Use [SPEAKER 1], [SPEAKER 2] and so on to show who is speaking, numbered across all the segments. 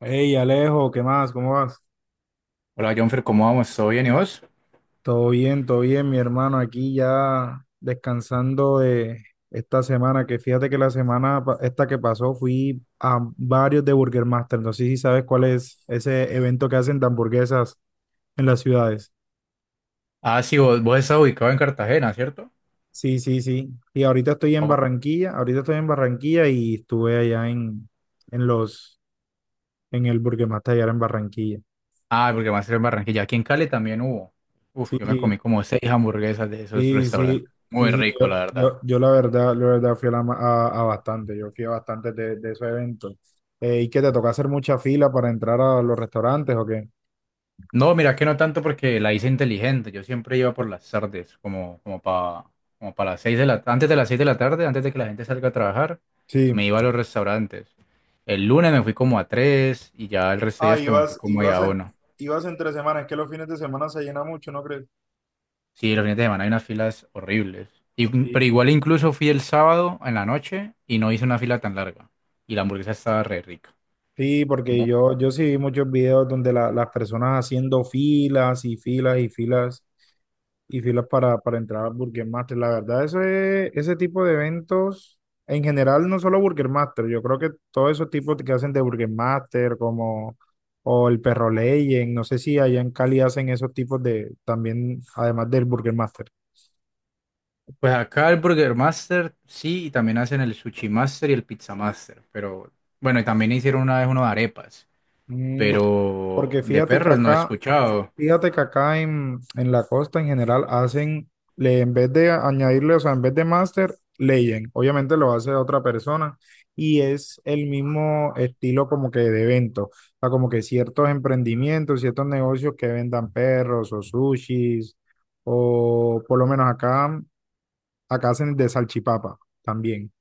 [SPEAKER 1] Hey Alejo, ¿qué más? ¿Cómo vas?
[SPEAKER 2] Hola Jonfer, ¿cómo vamos? ¿Todo bien y vos?
[SPEAKER 1] Todo bien, mi hermano. Aquí ya descansando de esta semana, que fíjate que la semana esta que pasó fui a varios de Burger Master. No sé si sabes cuál es ese evento que hacen de hamburguesas en las ciudades.
[SPEAKER 2] Ah, sí, vos estás ubicado en Cartagena, ¿cierto?
[SPEAKER 1] Sí, sí, sí. Y ahorita estoy en
[SPEAKER 2] Ah, bu-
[SPEAKER 1] Barranquilla, ahorita estoy en Barranquilla y estuve allá en en el Burger Master allá en Barranquilla.
[SPEAKER 2] ah, porque va a ser en Barranquilla. Aquí en Cali también hubo. Uf,
[SPEAKER 1] Sí,
[SPEAKER 2] yo me
[SPEAKER 1] sí.
[SPEAKER 2] comí como seis hamburguesas de esos
[SPEAKER 1] Sí, sí,
[SPEAKER 2] restaurantes. Muy
[SPEAKER 1] sí, sí,
[SPEAKER 2] rico,
[SPEAKER 1] yo,
[SPEAKER 2] la verdad.
[SPEAKER 1] yo, yo la verdad fui a bastante, yo fui a bastantes de esos eventos. ¿Y qué te toca hacer mucha fila para entrar a los restaurantes o qué?
[SPEAKER 2] No, mira que no tanto porque la hice inteligente. Yo siempre iba por las tardes, como para las seis de la, antes de las seis de la tarde, antes de que la gente salga a trabajar,
[SPEAKER 1] Sí.
[SPEAKER 2] me iba a los restaurantes. El lunes me fui como a tres y ya el resto de
[SPEAKER 1] Ah,
[SPEAKER 2] días pues, me fui
[SPEAKER 1] ibas,
[SPEAKER 2] como ahí a uno.
[SPEAKER 1] ibas entre semanas, es que los fines de semana se llena mucho, ¿no crees?
[SPEAKER 2] Sí, los fines de semana hay unas filas horribles. Pero
[SPEAKER 1] Sí,
[SPEAKER 2] igual incluso fui el sábado en la noche y no hice una fila tan larga. Y la hamburguesa estaba re rica.
[SPEAKER 1] sí, porque
[SPEAKER 2] Mu-
[SPEAKER 1] yo sí vi muchos videos donde las personas haciendo filas y filas y filas y filas para entrar a Burger Master. La verdad, ese tipo de eventos, en general, no solo Burger Master, yo creo que todos esos tipos que hacen de Burger Master, como o el Perro Legend, no sé si allá en Cali hacen esos tipos de, también, además del Burger Master.
[SPEAKER 2] Pues acá el Burger Master, sí, y también hacen el Sushi Master y el Pizza Master. Pero bueno, y también hicieron una vez uno de arepas.
[SPEAKER 1] Mm,
[SPEAKER 2] Pero
[SPEAKER 1] porque
[SPEAKER 2] de
[SPEAKER 1] fíjate que
[SPEAKER 2] perros no he
[SPEAKER 1] acá,
[SPEAKER 2] escuchado.
[SPEAKER 1] fíjate que acá en la costa en general hacen, le, en vez de añadirle, o sea, en vez de master, leyen. Obviamente lo hace otra persona y es el mismo estilo como que de evento. O sea, como que ciertos emprendimientos, ciertos negocios que vendan perros o sushis o por lo menos acá, acá hacen de salchipapa también,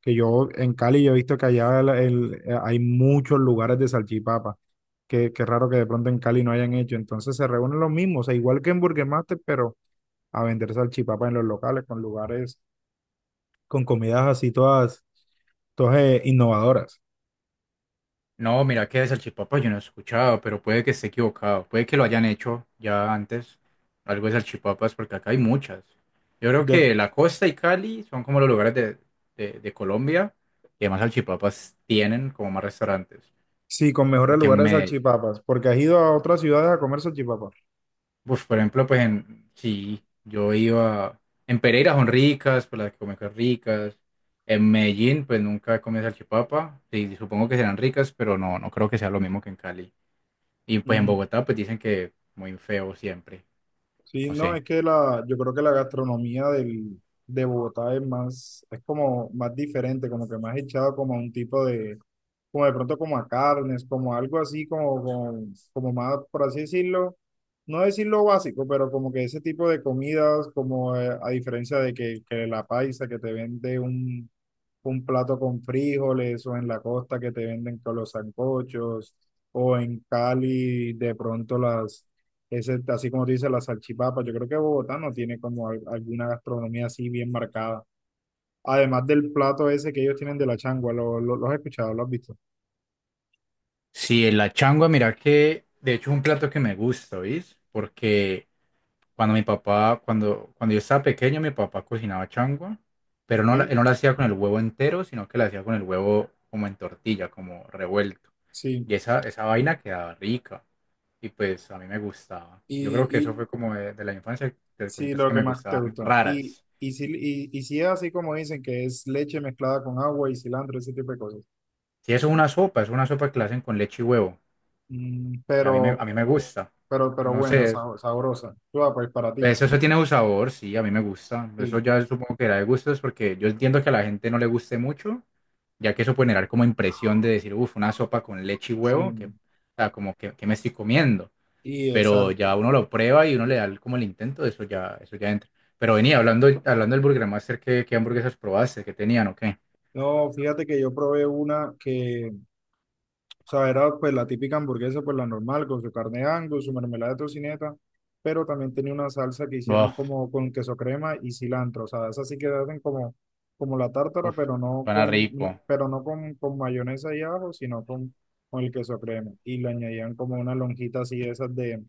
[SPEAKER 1] que yo en Cali yo he visto que allá hay muchos lugares de salchipapa, que raro que de pronto en Cali no hayan hecho, entonces se reúnen los mismos, o sea, igual que en Burger Master, pero a vender salchipapa en los locales, con lugares, con comidas así todas, todas innovadoras.
[SPEAKER 2] No, mira que de salchipapa yo no he escuchado, pero puede que esté equivocado. Puede que lo hayan hecho ya antes, algo de salchipapas, porque acá hay muchas. Yo creo
[SPEAKER 1] De-
[SPEAKER 2] que la costa y Cali son como los lugares de Colombia que más salchipapas tienen como más restaurantes.
[SPEAKER 1] sí, con mejores
[SPEAKER 2] Porque
[SPEAKER 1] lugares de
[SPEAKER 2] me,
[SPEAKER 1] salchipapas, porque has ido a otras ciudades a comer salchipapas.
[SPEAKER 2] pues por ejemplo, pues en, sí, yo iba, en Pereira son ricas, pues las que comen son ricas. En Medellín, pues nunca he comido salchipapa. Sí, supongo que serán ricas, pero no, no creo que sea lo mismo que en Cali. Y pues en
[SPEAKER 1] Mm,
[SPEAKER 2] Bogotá pues dicen que muy feo siempre.
[SPEAKER 1] Sí,
[SPEAKER 2] No
[SPEAKER 1] no,
[SPEAKER 2] sé.
[SPEAKER 1] es que la, yo creo que la gastronomía de Bogotá es más, es como más diferente, como que más echado como a un tipo de, como de pronto como a carnes, como algo así, como, como más, por así decirlo, no decirlo básico, pero como que ese tipo de comidas, como a diferencia de que la paisa que te vende un plato con frijoles, o en la costa que te venden con los sancochos, o en Cali de pronto las, ese, así como dice las salchipapas, yo creo que Bogotá no tiene como alguna gastronomía así bien marcada. Además del plato ese que ellos tienen de la changua, ¿ lo has escuchado? ¿Lo has visto?
[SPEAKER 2] Sí, la changua, mira que de hecho es un plato que me gusta, ¿viste? Porque cuando yo estaba pequeño, mi papá cocinaba changua, pero no, él
[SPEAKER 1] ¿Sí?
[SPEAKER 2] no la hacía con el huevo entero, sino que la hacía con el huevo como en tortilla, como revuelto.
[SPEAKER 1] Sí.
[SPEAKER 2] Y esa vaina quedaba rica. Y pues a mí me gustaba.
[SPEAKER 1] y,
[SPEAKER 2] Yo creo que eso
[SPEAKER 1] y
[SPEAKER 2] fue como de la infancia, de
[SPEAKER 1] sí,
[SPEAKER 2] cositas
[SPEAKER 1] lo
[SPEAKER 2] que
[SPEAKER 1] que
[SPEAKER 2] me
[SPEAKER 1] más te
[SPEAKER 2] gustaban
[SPEAKER 1] gustó. Y,
[SPEAKER 2] raras.
[SPEAKER 1] y, si, y, y si es así como dicen, que es leche mezclada con agua y cilantro, ese tipo de cosas.
[SPEAKER 2] Sí, eso es una sopa que la hacen con leche y huevo.
[SPEAKER 1] Mm,
[SPEAKER 2] Y a mí me, a mí me gusta.
[SPEAKER 1] pero
[SPEAKER 2] No
[SPEAKER 1] buena,
[SPEAKER 2] sé,
[SPEAKER 1] sabrosa. Tú, ah, pues para ti.
[SPEAKER 2] eso tiene un sabor, sí, a mí me gusta. Eso
[SPEAKER 1] Sí,
[SPEAKER 2] ya supongo que era de gustos porque yo entiendo que a la gente no le guste mucho, ya que eso puede generar como impresión de decir, uff, una sopa con leche y huevo, que, o
[SPEAKER 1] sí.
[SPEAKER 2] sea, como que me estoy comiendo.
[SPEAKER 1] Y
[SPEAKER 2] Pero
[SPEAKER 1] exacto.
[SPEAKER 2] ya uno lo prueba y uno le da el- como el intento, eso ya entra. Pero venía hablando del Burger Master, ¿qué hamburguesas probaste? ¿Qué tenían o qué?
[SPEAKER 1] No, fíjate que yo probé una que, o sea, era pues la típica hamburguesa, pues la normal, con su carne de Angus, su mermelada de tocineta, pero también tenía una salsa que hicieron
[SPEAKER 2] Uf,
[SPEAKER 1] como con queso crema y cilantro. O sea, esa sí que hacen como, como la tártara,
[SPEAKER 2] uf,
[SPEAKER 1] pero no
[SPEAKER 2] suena
[SPEAKER 1] con, no,
[SPEAKER 2] rico.
[SPEAKER 1] pero no con, con mayonesa y ajo, con el queso crema. Y le añadían como una lonjita así de esas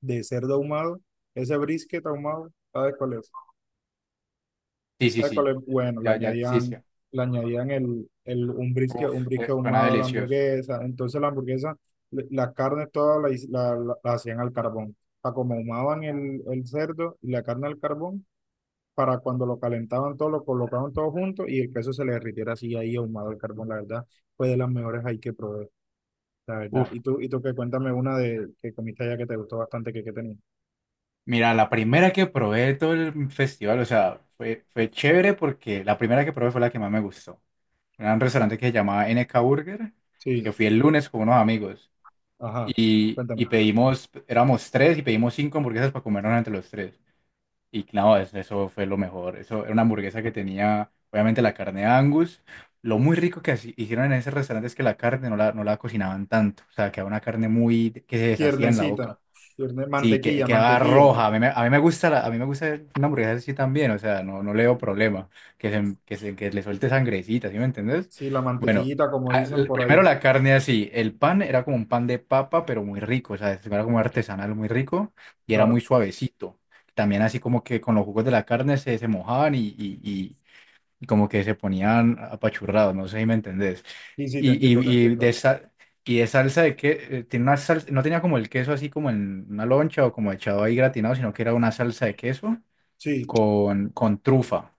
[SPEAKER 1] de cerdo ahumado, ese brisket ahumado, ¿sabes cuál es?
[SPEAKER 2] Sí, sí,
[SPEAKER 1] ¿Sabe cuál
[SPEAKER 2] sí.
[SPEAKER 1] es bueno?
[SPEAKER 2] Ya, ya, sí, sí.
[SPEAKER 1] Le añadían
[SPEAKER 2] Uf,
[SPEAKER 1] un brisket
[SPEAKER 2] suena
[SPEAKER 1] ahumado a la
[SPEAKER 2] delicioso.
[SPEAKER 1] hamburguesa. Entonces la hamburguesa, la carne toda la, his- la- la- la hacían al carbón. O sea, como ahumaban el cerdo y la carne al carbón, para cuando lo calentaban todo, lo colocaban todo junto y el queso se le derritiera así ahí ahumado al carbón. La verdad, fue de las mejores ahí que probé, la verdad.
[SPEAKER 2] Uf,
[SPEAKER 1] Y tú, y tú, que cuéntame una de que comiste allá que te gustó bastante, que tenía.
[SPEAKER 2] mira, la primera que probé de todo el festival, o sea, fue, fue chévere porque la primera que probé fue la que más me gustó. Era un restaurante que se llamaba NK Burger,
[SPEAKER 1] Sí,
[SPEAKER 2] que fui el lunes con unos amigos
[SPEAKER 1] ajá,
[SPEAKER 2] y,
[SPEAKER 1] cuéntame.
[SPEAKER 2] y pedimos, éramos tres y pedimos cinco hamburguesas para comernos entre los tres. Y claro, eso fue lo mejor. Eso era una hamburguesa que tenía, obviamente, la carne de Angus. Lo muy rico que hicieron en ese restaurante es que la carne no la cocinaban tanto, o sea, quedaba una carne muy que se deshacía en la
[SPEAKER 1] Piernecita,
[SPEAKER 2] boca. Sí,
[SPEAKER 1] mantequilla,
[SPEAKER 2] quedaba
[SPEAKER 1] mantequilla.
[SPEAKER 2] roja. A mí me gusta una hamburguesa así también, o sea, no, no le veo problema. Que le suelte sangrecita, ¿sí me entendés?
[SPEAKER 1] Sí, la
[SPEAKER 2] Bueno,
[SPEAKER 1] mantequillita, como dicen por
[SPEAKER 2] primero
[SPEAKER 1] ahí.
[SPEAKER 2] la carne así. El pan era como un pan de papa, pero muy rico, o sea, era como artesanal, muy rico y era muy
[SPEAKER 1] Claro.
[SPEAKER 2] suavecito. También así como que con los jugos de la carne se mojaban y como que se ponían apachurrados, no sé si me entendés.
[SPEAKER 1] Sí, sí, te entiendo, te
[SPEAKER 2] De
[SPEAKER 1] entiendo.
[SPEAKER 2] esa, y de salsa de que tiene una salsa, no tenía como el queso así como en una loncha o como echado ahí gratinado, sino que era una salsa de queso
[SPEAKER 1] Sí.
[SPEAKER 2] con trufa.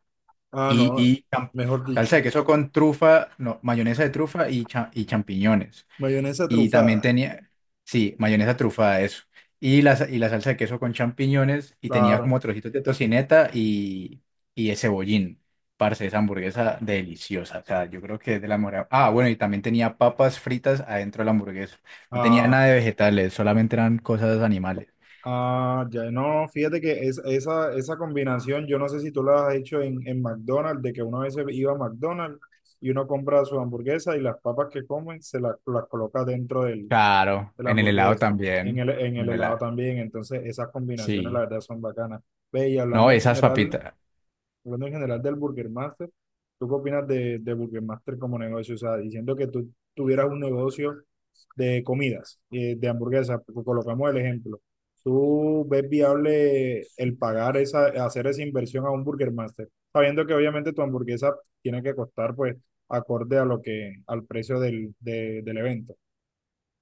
[SPEAKER 1] Ah,
[SPEAKER 2] Y,
[SPEAKER 1] no.
[SPEAKER 2] y cham-
[SPEAKER 1] Mejor dicho.
[SPEAKER 2] Salsa de queso con trufa, no, mayonesa de trufa y champiñones.
[SPEAKER 1] Mayonesa
[SPEAKER 2] Y también
[SPEAKER 1] trufada.
[SPEAKER 2] tenía, sí, mayonesa trufada, eso. Y la salsa de queso con champiñones y tenía
[SPEAKER 1] Claro.
[SPEAKER 2] como trocitos de tocineta y de cebollín. Parce, esa hamburguesa deliciosa. O sea, yo creo que es de la mejor. Ah, bueno, y también tenía papas fritas adentro de la hamburguesa. No tenía
[SPEAKER 1] Ah,
[SPEAKER 2] nada de vegetales, solamente eran cosas animales.
[SPEAKER 1] ya. No, fíjate que es, esa combinación, yo no sé si tú la has hecho en McDonald's, de que una vez iba a McDonald's y uno compra su hamburguesa y las papas que comen se las coloca dentro del,
[SPEAKER 2] Claro,
[SPEAKER 1] de la
[SPEAKER 2] en el helado
[SPEAKER 1] hamburguesa.
[SPEAKER 2] también.
[SPEAKER 1] En
[SPEAKER 2] En
[SPEAKER 1] el
[SPEAKER 2] el
[SPEAKER 1] helado
[SPEAKER 2] helado.
[SPEAKER 1] también. Entonces, esas combinaciones, la
[SPEAKER 2] Sí.
[SPEAKER 1] verdad, son bacanas. Ve, y
[SPEAKER 2] No,
[SPEAKER 1] hablando en
[SPEAKER 2] esas
[SPEAKER 1] general,
[SPEAKER 2] papitas.
[SPEAKER 1] hablando en general del Burger Master, ¿tú qué opinas de Burger Master como negocio? O sea, diciendo que tú tuvieras un negocio de comidas, de hamburguesas, colocamos el ejemplo. ¿Tú ves viable el pagar esa, hacer esa inversión a un Burger Master? Sabiendo que obviamente tu hamburguesa tiene que costar pues acorde a lo que, al precio del, del evento.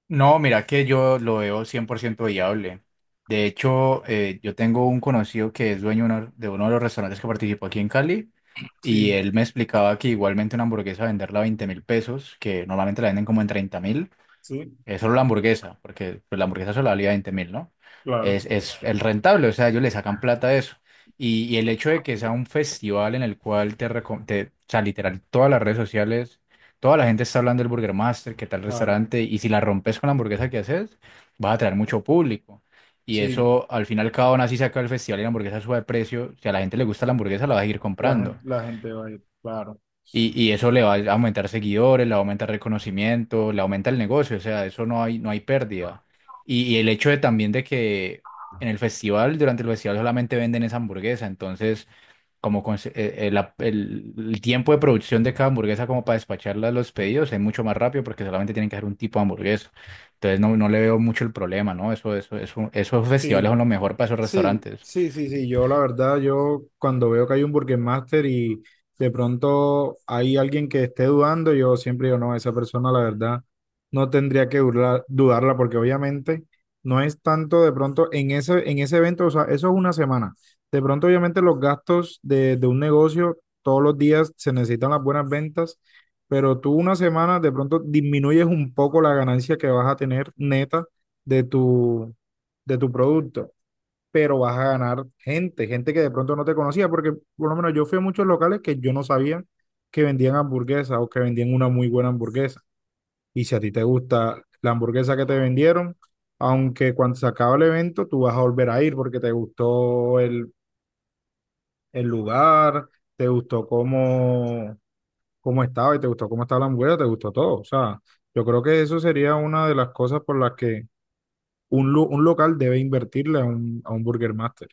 [SPEAKER 2] No, mira que yo lo veo 100% viable. De hecho, yo tengo un conocido que es dueño de uno de los restaurantes que participó aquí en Cali y
[SPEAKER 1] Sí,
[SPEAKER 2] él me explicaba que igualmente una hamburguesa venderla a 20 mil pesos, que normalmente la venden como en 30.000,
[SPEAKER 1] sí,
[SPEAKER 2] solo la hamburguesa, porque pues, la hamburguesa solo valía 20.000, ¿no?
[SPEAKER 1] claro,
[SPEAKER 2] Es el rentable, o sea, ellos le sacan plata a eso. Y el hecho de que sea un festival en el cual te, o sea, literal, todas las redes sociales, toda la gente está hablando del Burger Master, qué tal
[SPEAKER 1] claro.
[SPEAKER 2] restaurante, y si la rompes con la hamburguesa que haces, vas a atraer mucho público. Y
[SPEAKER 1] Sí,
[SPEAKER 2] eso, al final, cada una así saca el festival y la hamburguesa sube de precio. Si a la gente le gusta la hamburguesa, la va a seguir comprando.
[SPEAKER 1] la gente va a ir, claro.
[SPEAKER 2] Y eso le va a aumentar seguidores, le va a aumentar reconocimiento, le aumenta el negocio, o sea, eso no hay, no hay pérdida. Y el hecho de también de que en el festival, durante el festival solamente venden esa hamburguesa, entonces como conse- la- el tiempo de producción de cada hamburguesa como para despacharla a los pedidos es mucho más rápido porque solamente tienen que hacer un tipo de hamburguesa. Entonces no, no le veo mucho el problema, ¿no? Esos festivales son
[SPEAKER 1] Sí,
[SPEAKER 2] lo mejor para esos
[SPEAKER 1] sí,
[SPEAKER 2] restaurantes.
[SPEAKER 1] sí, sí, sí. Yo la verdad, yo cuando veo que hay un Burger Master y de pronto hay alguien que esté dudando, yo siempre digo, no, esa persona la verdad no tendría que dudarla porque obviamente no es tanto de pronto en ese evento, o sea, eso es una semana. De pronto obviamente los gastos de un negocio, todos los días se necesitan las buenas ventas, pero tú una semana de pronto disminuyes un poco la ganancia que vas a tener neta de tu, de tu producto, pero vas a ganar gente, gente que de pronto no te conocía, porque por lo menos yo fui a muchos locales que yo no sabía que vendían hamburguesas o que vendían una muy buena hamburguesa. Y si a ti te gusta la hamburguesa que te vendieron, aunque cuando se acaba el evento, tú vas a volver a ir porque te gustó el lugar, te gustó cómo, cómo estaba y te gustó cómo estaba la hamburguesa, te gustó todo. O sea, yo creo que eso sería una de las cosas por las que un local debe invertirle a un Burger Master.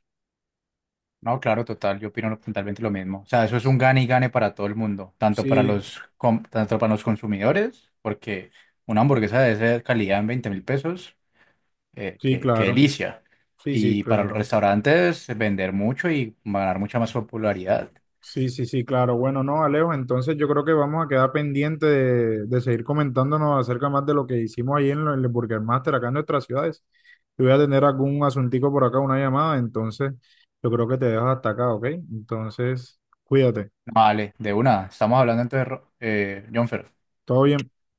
[SPEAKER 2] No, claro, total, yo opino totalmente lo mismo. O sea, eso es un gane y gane para todo el mundo, tanto para
[SPEAKER 1] Sí,
[SPEAKER 2] los consumidores, porque una hamburguesa de esa calidad en 20.000 pesos, eh,
[SPEAKER 1] sí,
[SPEAKER 2] qué, qué
[SPEAKER 1] claro.
[SPEAKER 2] delicia.
[SPEAKER 1] Sí, sí,
[SPEAKER 2] Y para los
[SPEAKER 1] claro.
[SPEAKER 2] restaurantes, vender mucho y ganar mucha más popularidad.
[SPEAKER 1] Sí, sí, sí, claro. Bueno, no, Alejo, entonces yo creo que vamos a quedar pendiente de seguir comentándonos acerca más de lo que hicimos ahí en el Burger Master acá en nuestras ciudades. Yo voy a tener algún asuntico por acá, una llamada, entonces yo creo que te dejo hasta acá, ¿ok? Entonces, cuídate.
[SPEAKER 2] Vale, de una. Estamos hablando entonces, Jonfer.
[SPEAKER 1] Todo bien.